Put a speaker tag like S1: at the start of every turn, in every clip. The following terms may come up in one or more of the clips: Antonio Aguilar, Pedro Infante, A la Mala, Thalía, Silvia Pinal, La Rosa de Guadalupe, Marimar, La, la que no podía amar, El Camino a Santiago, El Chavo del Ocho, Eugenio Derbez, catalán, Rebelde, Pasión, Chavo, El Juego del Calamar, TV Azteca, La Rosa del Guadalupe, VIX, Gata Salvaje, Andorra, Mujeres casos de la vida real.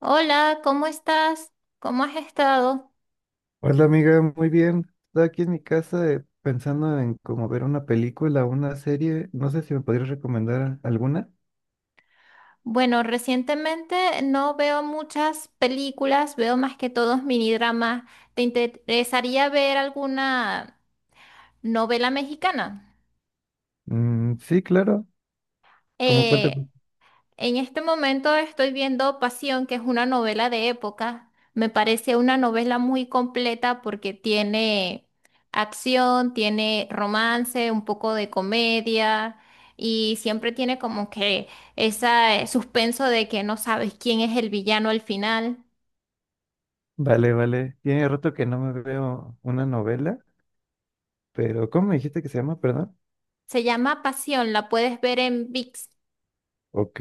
S1: Hola, ¿cómo estás? ¿Cómo has estado?
S2: Hola amiga, muy bien. Estaba aquí en mi casa, pensando en cómo ver una película o una serie. No sé si me podrías recomendar alguna.
S1: Bueno, recientemente no veo muchas películas, veo más que todos minidramas. ¿Te interesaría ver alguna novela mexicana?
S2: Mm, sí, claro. ¿Cómo cuál te...
S1: Eh, En este momento estoy viendo Pasión, que es una novela de época. Me parece una novela muy completa porque tiene acción, tiene romance, un poco de comedia y siempre tiene como que ese suspenso de que no sabes quién es el villano al final.
S2: Vale, vale. Tiene rato que no me veo una novela, pero ¿cómo me dijiste que se llama? Perdón.
S1: Se llama Pasión, la puedes ver en VIX.
S2: Ok,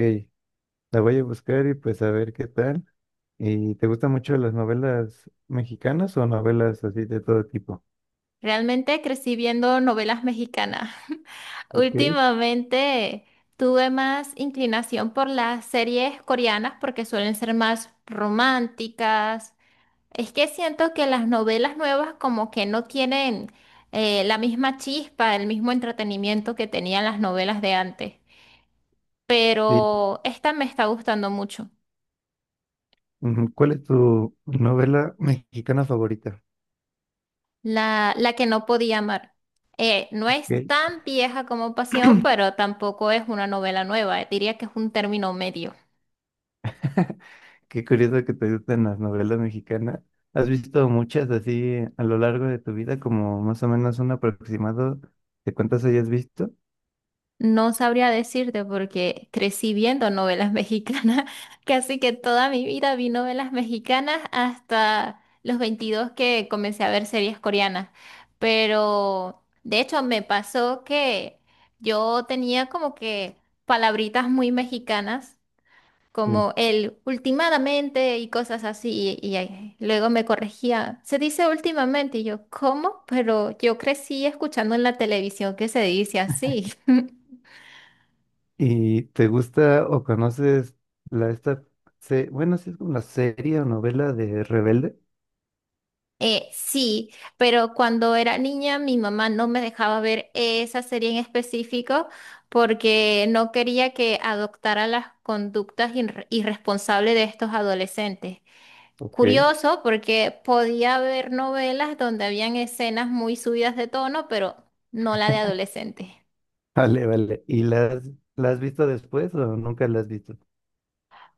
S2: la voy a buscar y pues a ver qué tal. ¿Y te gustan mucho las novelas mexicanas o novelas así de todo tipo?
S1: Realmente crecí viendo novelas mexicanas.
S2: Ok.
S1: Últimamente tuve más inclinación por las series coreanas porque suelen ser más románticas. Es que siento que las novelas nuevas como que no tienen la misma chispa, el mismo entretenimiento que tenían las novelas de antes.
S2: Sí.
S1: Pero esta me está gustando mucho.
S2: Ujú. ¿Cuál es tu novela mexicana favorita?
S1: La que no podía amar. No es
S2: Ok.
S1: tan vieja como Pasión, pero tampoco es una novela nueva. Diría que es un término medio.
S2: Qué curioso que te gusten las novelas mexicanas. ¿Has visto muchas así a lo largo de tu vida, como más o menos un aproximado de cuántas hayas visto?
S1: No sabría decirte porque crecí viendo novelas mexicanas. Casi que toda mi vida vi novelas mexicanas hasta los 22 que comencé a ver series coreanas. Pero de hecho me pasó que yo tenía como que palabritas muy mexicanas
S2: Sí.
S1: como el últimamente y cosas así, y ahí luego me corregía, se dice últimamente, y yo, ¿cómo? Pero yo crecí escuchando en la televisión que se dice así.
S2: ¿Y te gusta o conoces la esta, bueno, sí es como una serie o novela de Rebelde?
S1: Sí, pero cuando era niña mi mamá no me dejaba ver esa serie en específico porque no quería que adoptara las conductas irresponsables de estos adolescentes.
S2: Ok.
S1: Curioso porque podía ver novelas donde habían escenas muy subidas de tono, pero no la de adolescentes.
S2: Vale, vale. ¿Y la has visto después o nunca la has visto?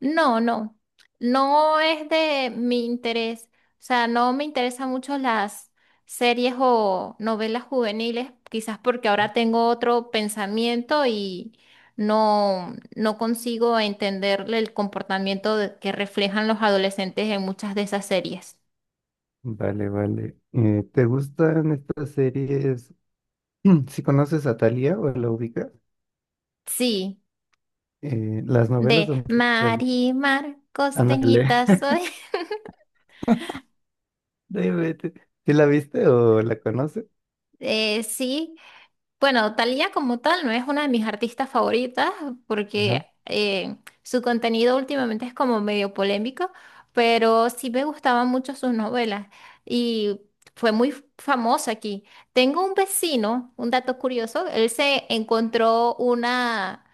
S1: No, no, no es de mi interés. O sea, no me interesan mucho las series o novelas juveniles, quizás porque ahora tengo otro pensamiento y no, no consigo entender el comportamiento que reflejan los adolescentes en muchas de esas series.
S2: Vale, vale. ¿Te gustan estas series? Si conoces a Thalía o la ubicas,
S1: Sí.
S2: eh, las novelas
S1: De
S2: son...
S1: Marimar,
S2: Ándale.
S1: costeñita soy.
S2: No inventes. ¿Sí la viste o la conoces?
S1: Sí, bueno, Thalía como tal no es una de mis artistas favoritas
S2: Ajá,
S1: porque su contenido últimamente es como medio polémico, pero sí me gustaban mucho sus novelas y fue muy famosa aquí. Tengo un vecino, un dato curioso, él se encontró una,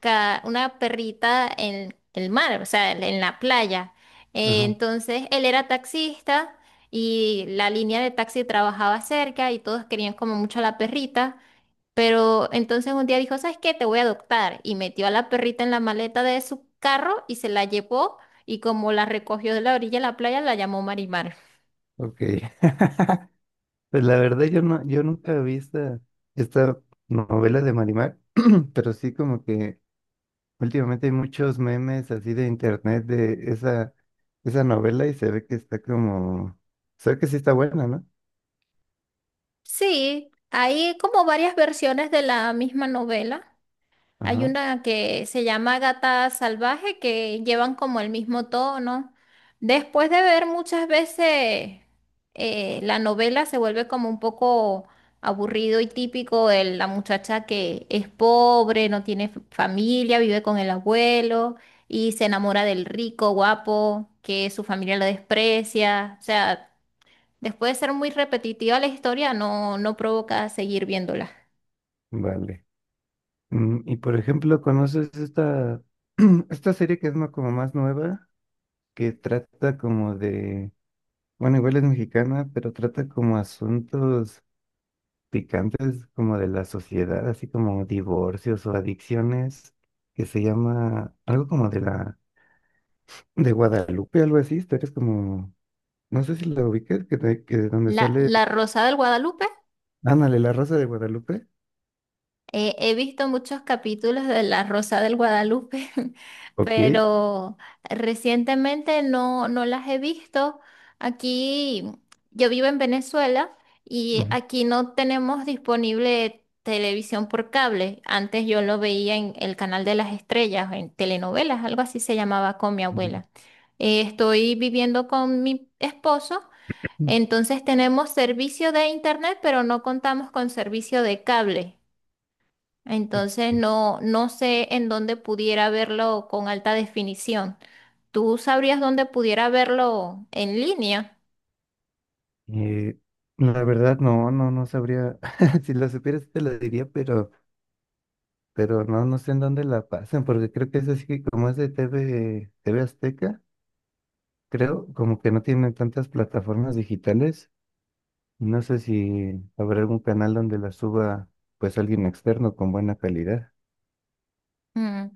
S1: ca- una perrita en el mar, o sea, en la playa.
S2: ajá,
S1: Entonces él era taxista y la línea de taxi trabajaba cerca y todos querían como mucho a la perrita. Pero entonces un día dijo, ¿sabes qué? Te voy a adoptar. Y metió a la perrita en la maleta de su carro y se la llevó. Y como la recogió de la orilla de la playa, la llamó Marimar.
S2: ok. Pues la verdad, yo no, yo nunca vi esta, esta novela de Marimar, pero sí como que últimamente hay muchos memes así de internet de esa novela y se ve que está como, se ve que sí está buena, ¿no?
S1: Sí, hay como varias versiones de la misma novela. Hay
S2: Ajá,
S1: una que se llama Gata Salvaje que llevan como el mismo tono. Después de ver muchas veces la novela se vuelve como un poco aburrido y típico el la muchacha que es pobre, no tiene familia, vive con el abuelo y se enamora del rico, guapo, que su familia lo desprecia. O sea, después de ser muy repetitiva la historia, no, no provoca seguir viéndola.
S2: vale. Mm, y por ejemplo, ¿conoces esta, esta serie que es como más nueva, que trata como de... Bueno, igual es mexicana, pero trata como asuntos picantes como de la sociedad, así como divorcios o adicciones, que se llama algo como de la de Guadalupe, algo así, historias como, no sé si la ubiques, que, que de donde
S1: La,
S2: sale,
S1: la Rosa del Guadalupe.
S2: ándale, la Rosa de Guadalupe.
S1: He visto muchos capítulos de La Rosa del Guadalupe,
S2: Ok.
S1: pero recientemente no, no las he visto. Aquí yo vivo en Venezuela y aquí no tenemos disponible televisión por cable. Antes yo lo veía en el canal de las estrellas, en telenovelas, algo así se llamaba con mi
S2: Ujú.
S1: abuela. Estoy viviendo con mi esposo, entonces tenemos servicio de internet, pero no contamos con servicio de cable.
S2: Ok.
S1: Entonces no, no sé en dónde pudiera verlo con alta definición. ¿Tú sabrías dónde pudiera verlo en línea?
S2: Eh, la verdad, no sabría, si la supieras te la diría, pero no, no sé en dónde la pasan, porque creo que eso sí, que como es de T V Azteca, creo como que no tienen tantas plataformas digitales. No sé si habrá algún canal donde la suba pues alguien externo con buena calidad.
S1: Mm,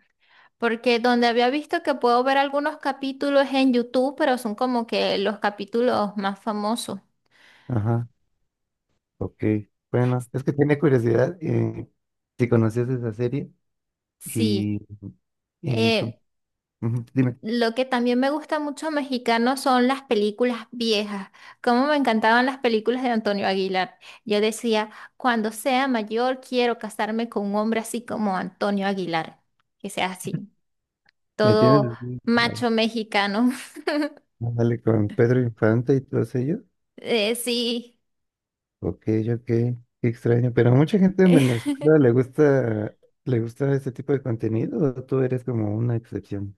S1: Porque donde había visto que puedo ver algunos capítulos en YouTube, pero son como que los capítulos más famosos.
S2: Ajá, ok. Bueno, es que tenía curiosidad, si conocías esa serie
S1: Sí.
S2: y, y con-
S1: Eh,
S2: ujú, dime,
S1: Lo que también me gusta mucho mexicano son las películas viejas. Cómo me encantaban las películas de Antonio Aguilar. Yo decía, cuando sea mayor quiero casarme con un hombre así como Antonio Aguilar, que sea así,
S2: ¿me tienes
S1: todo
S2: así? Ah,
S1: macho mexicano.
S2: ándale, con Pedro Infante y todos ellos.
S1: Sí,
S2: Ok, ok, qué extraño. Pero a mucha gente en Venezuela le gusta este tipo de contenido, o tú eres como una excepción.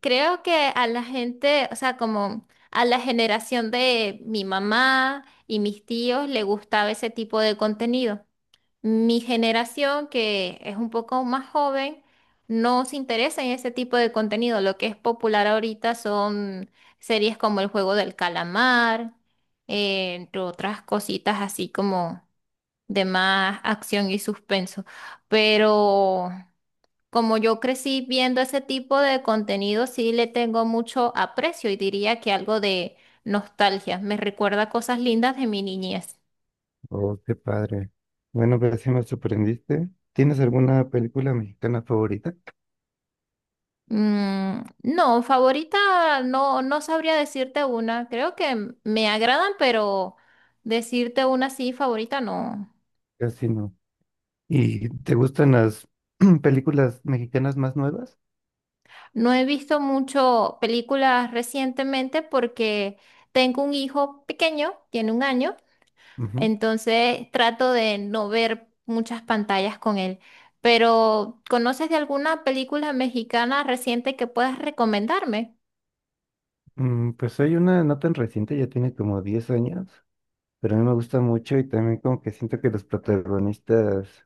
S1: creo que a la gente, o sea, como a la generación de mi mamá y mis tíos le gustaba ese tipo de contenido. Mi generación, que es un poco más joven, no se interesa en ese tipo de contenido. Lo que es popular ahorita son series como El Juego del Calamar, entre otras cositas así como de más acción y suspenso. Pero como yo crecí viendo ese tipo de contenido, sí le tengo mucho aprecio y diría que algo de nostalgia. Me recuerda cosas lindas de mi niñez.
S2: Oh, qué padre. Bueno, pero sí me sorprendiste. ¿Tienes alguna película mexicana favorita?
S1: Mm, no, favorita no, no sabría decirte una. Creo que me agradan, pero decirte una sí, favorita no.
S2: Casi no. ¿Y te gustan las películas mexicanas más nuevas?
S1: No he visto mucho películas recientemente porque tengo un hijo pequeño, tiene 1 año,
S2: Ujú.
S1: entonces trato de no ver muchas pantallas con él. Pero, ¿conoces de alguna película mexicana reciente que puedas recomendarme?
S2: Mm, pues hay una no tan reciente, ya tiene como 10 años, pero a mí me gusta mucho y también como que siento que los protagonistas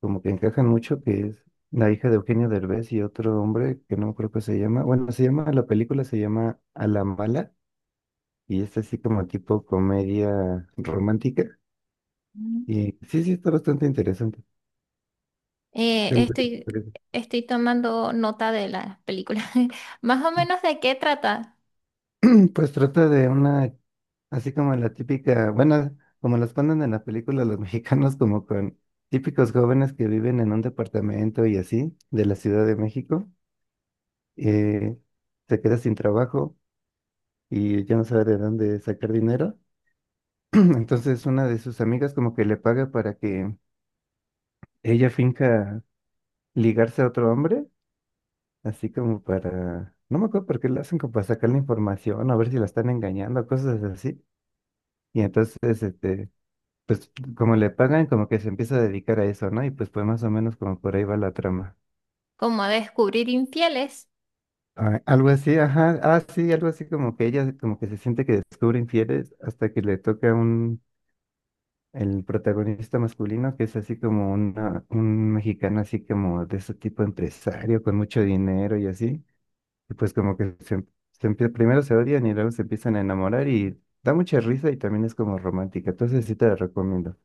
S2: como que encajan mucho, que es la hija de Eugenio Derbez y otro hombre que no creo que se llama. Bueno, se llama, la película se llama A la Mala, y es así como tipo comedia romántica. Y sí, sí, está bastante interesante.
S1: Eh,
S2: Yo
S1: estoy,
S2: lo-
S1: estoy tomando nota de las películas. Más o menos de qué trata,
S2: Pues trata de una, así como la típica, bueno, como las ponen en la película los mexicanos, como con típicos jóvenes que viven en un departamento y así, de la Ciudad de México, eh, se queda sin trabajo y ya no sabe de dónde sacar dinero. Entonces una de sus amigas como que le paga para que ella finca ligarse a otro hombre, así como para, no me acuerdo por qué lo hacen, como para sacar la información, a ver si la están engañando, cosas así. Y entonces, este, pues como le pagan, como que se empieza a dedicar a eso, ¿no? Y pues pues más o menos como por ahí va la trama.
S1: como a descubrir infieles.
S2: Ah, algo así, ajá, ah, sí, algo así como que ella como que se siente que descubre infieles hasta que le toca un el protagonista masculino, que es así como una, un mexicano, así como de ese tipo empresario, con mucho dinero y así. Y pues como que primero se odian y luego se empiezan a enamorar y da mucha risa y también es como romántica. Entonces sí te la recomiendo.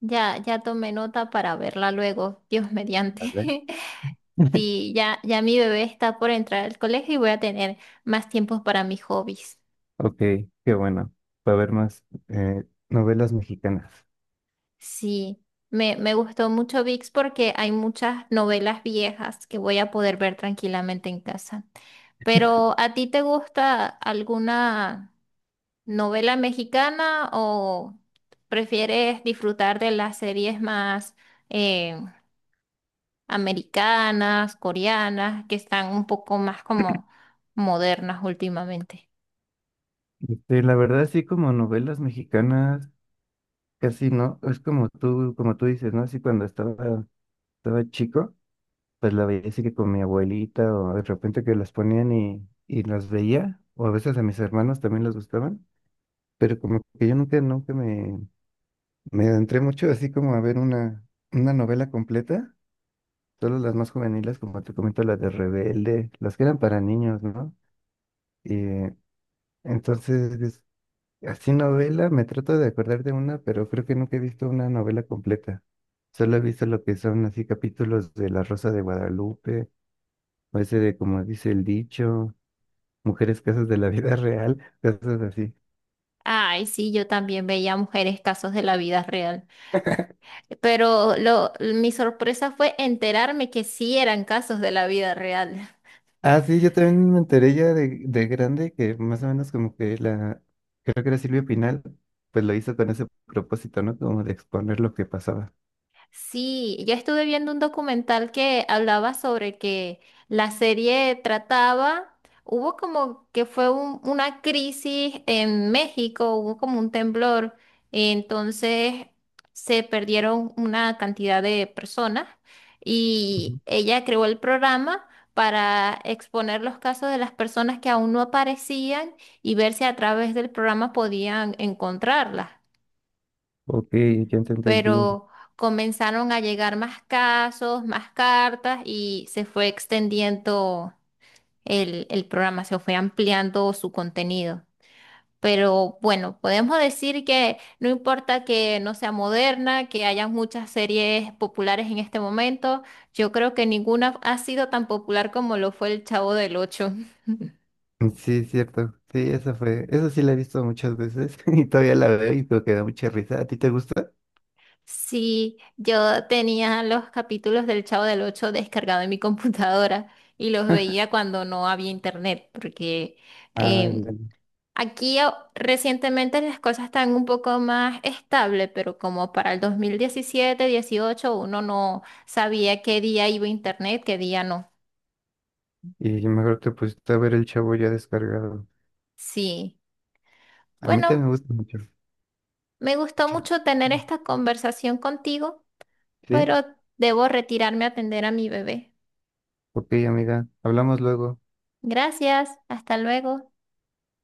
S1: Ya, ya tomé nota para verla luego, Dios mediante.
S2: ¿Vale?
S1: Sí, ya, ya mi bebé está por entrar al colegio y voy a tener más tiempo para mis hobbies.
S2: Ok, qué bueno. Para ver más, novelas mexicanas.
S1: Sí, me gustó mucho VIX porque hay muchas novelas viejas que voy a poder ver tranquilamente en casa. Pero, ¿a ti te gusta alguna? ¿Novela mexicana o prefieres disfrutar de las series más eh, americanas, coreanas, que están un poco más como modernas últimamente?
S2: Este, la verdad, sí, como novelas mexicanas, casi no. Es como tú dices, ¿no? Así cuando estaba chico, pues la veía así que con mi abuelita o de repente que las ponían y las veía, o a veces a mis hermanos también les gustaban, pero como que yo nunca me, adentré mucho así como a ver una novela completa, solo las más juveniles, como te comento, las de Rebelde, las que eran para niños, ¿no? Y entonces, así novela, me trato de acordar de una, pero creo que nunca he visto una novela completa. Solo he visto lo que son así capítulos de La Rosa de Guadalupe, o ese de como dice el dicho. Mujeres casos de la vida real, cosas así.
S1: Ay, sí, yo también veía mujeres casos de la vida real, pero mi sorpresa fue enterarme que sí eran casos de la vida real.
S2: Ah, sí, yo también me enteré ya de grande que más o menos como que la, creo que era Silvia Pinal, pues lo hizo con ese propósito, ¿no? Como de exponer lo que pasaba.
S1: Sí, yo estuve viendo un documental que hablaba sobre que la serie trataba, hubo como que fue una crisis en México, hubo como un temblor, entonces se perdieron una cantidad de personas
S2: Ujú.
S1: y ella creó el programa para exponer los casos de las personas que aún no aparecían y ver si a través del programa podían encontrarlas
S2: Ok, ya te entendí.
S1: pero comenzaron a llegar más casos, más cartas y se fue extendiendo el programa, se fue ampliando su contenido. Pero bueno, podemos decir que no importa que no sea moderna, que haya muchas series populares en este momento, yo creo que ninguna ha sido tan popular como lo fue El Chavo del Ocho.
S2: Sí, es cierto. Sí, eso fue, eso sí la he visto muchas veces y todavía la veo y creo que da mucha risa. ¿A ti te gusta?
S1: Sí, yo tenía los capítulos del Chavo del Ocho descargados en mi computadora y los veía cuando no había internet, porque
S2: Ah,
S1: em,
S2: ya.
S1: aquí recientemente las cosas están un poco más estables, pero como para el 2017, 18, uno no sabía qué día iba internet, qué día no.
S2: Y mejor te pusiste a ver el chavo ya descargado.
S1: Sí,
S2: A mí
S1: bueno,
S2: también me gusta mucho.
S1: me, gustó
S2: Sí.
S1: mucho tener esta conversación contigo,
S2: Sí.
S1: pero debo retirarme a atender a mi bebé.
S2: Ok, amiga, hablamos luego.
S1: Gracias, hasta luego.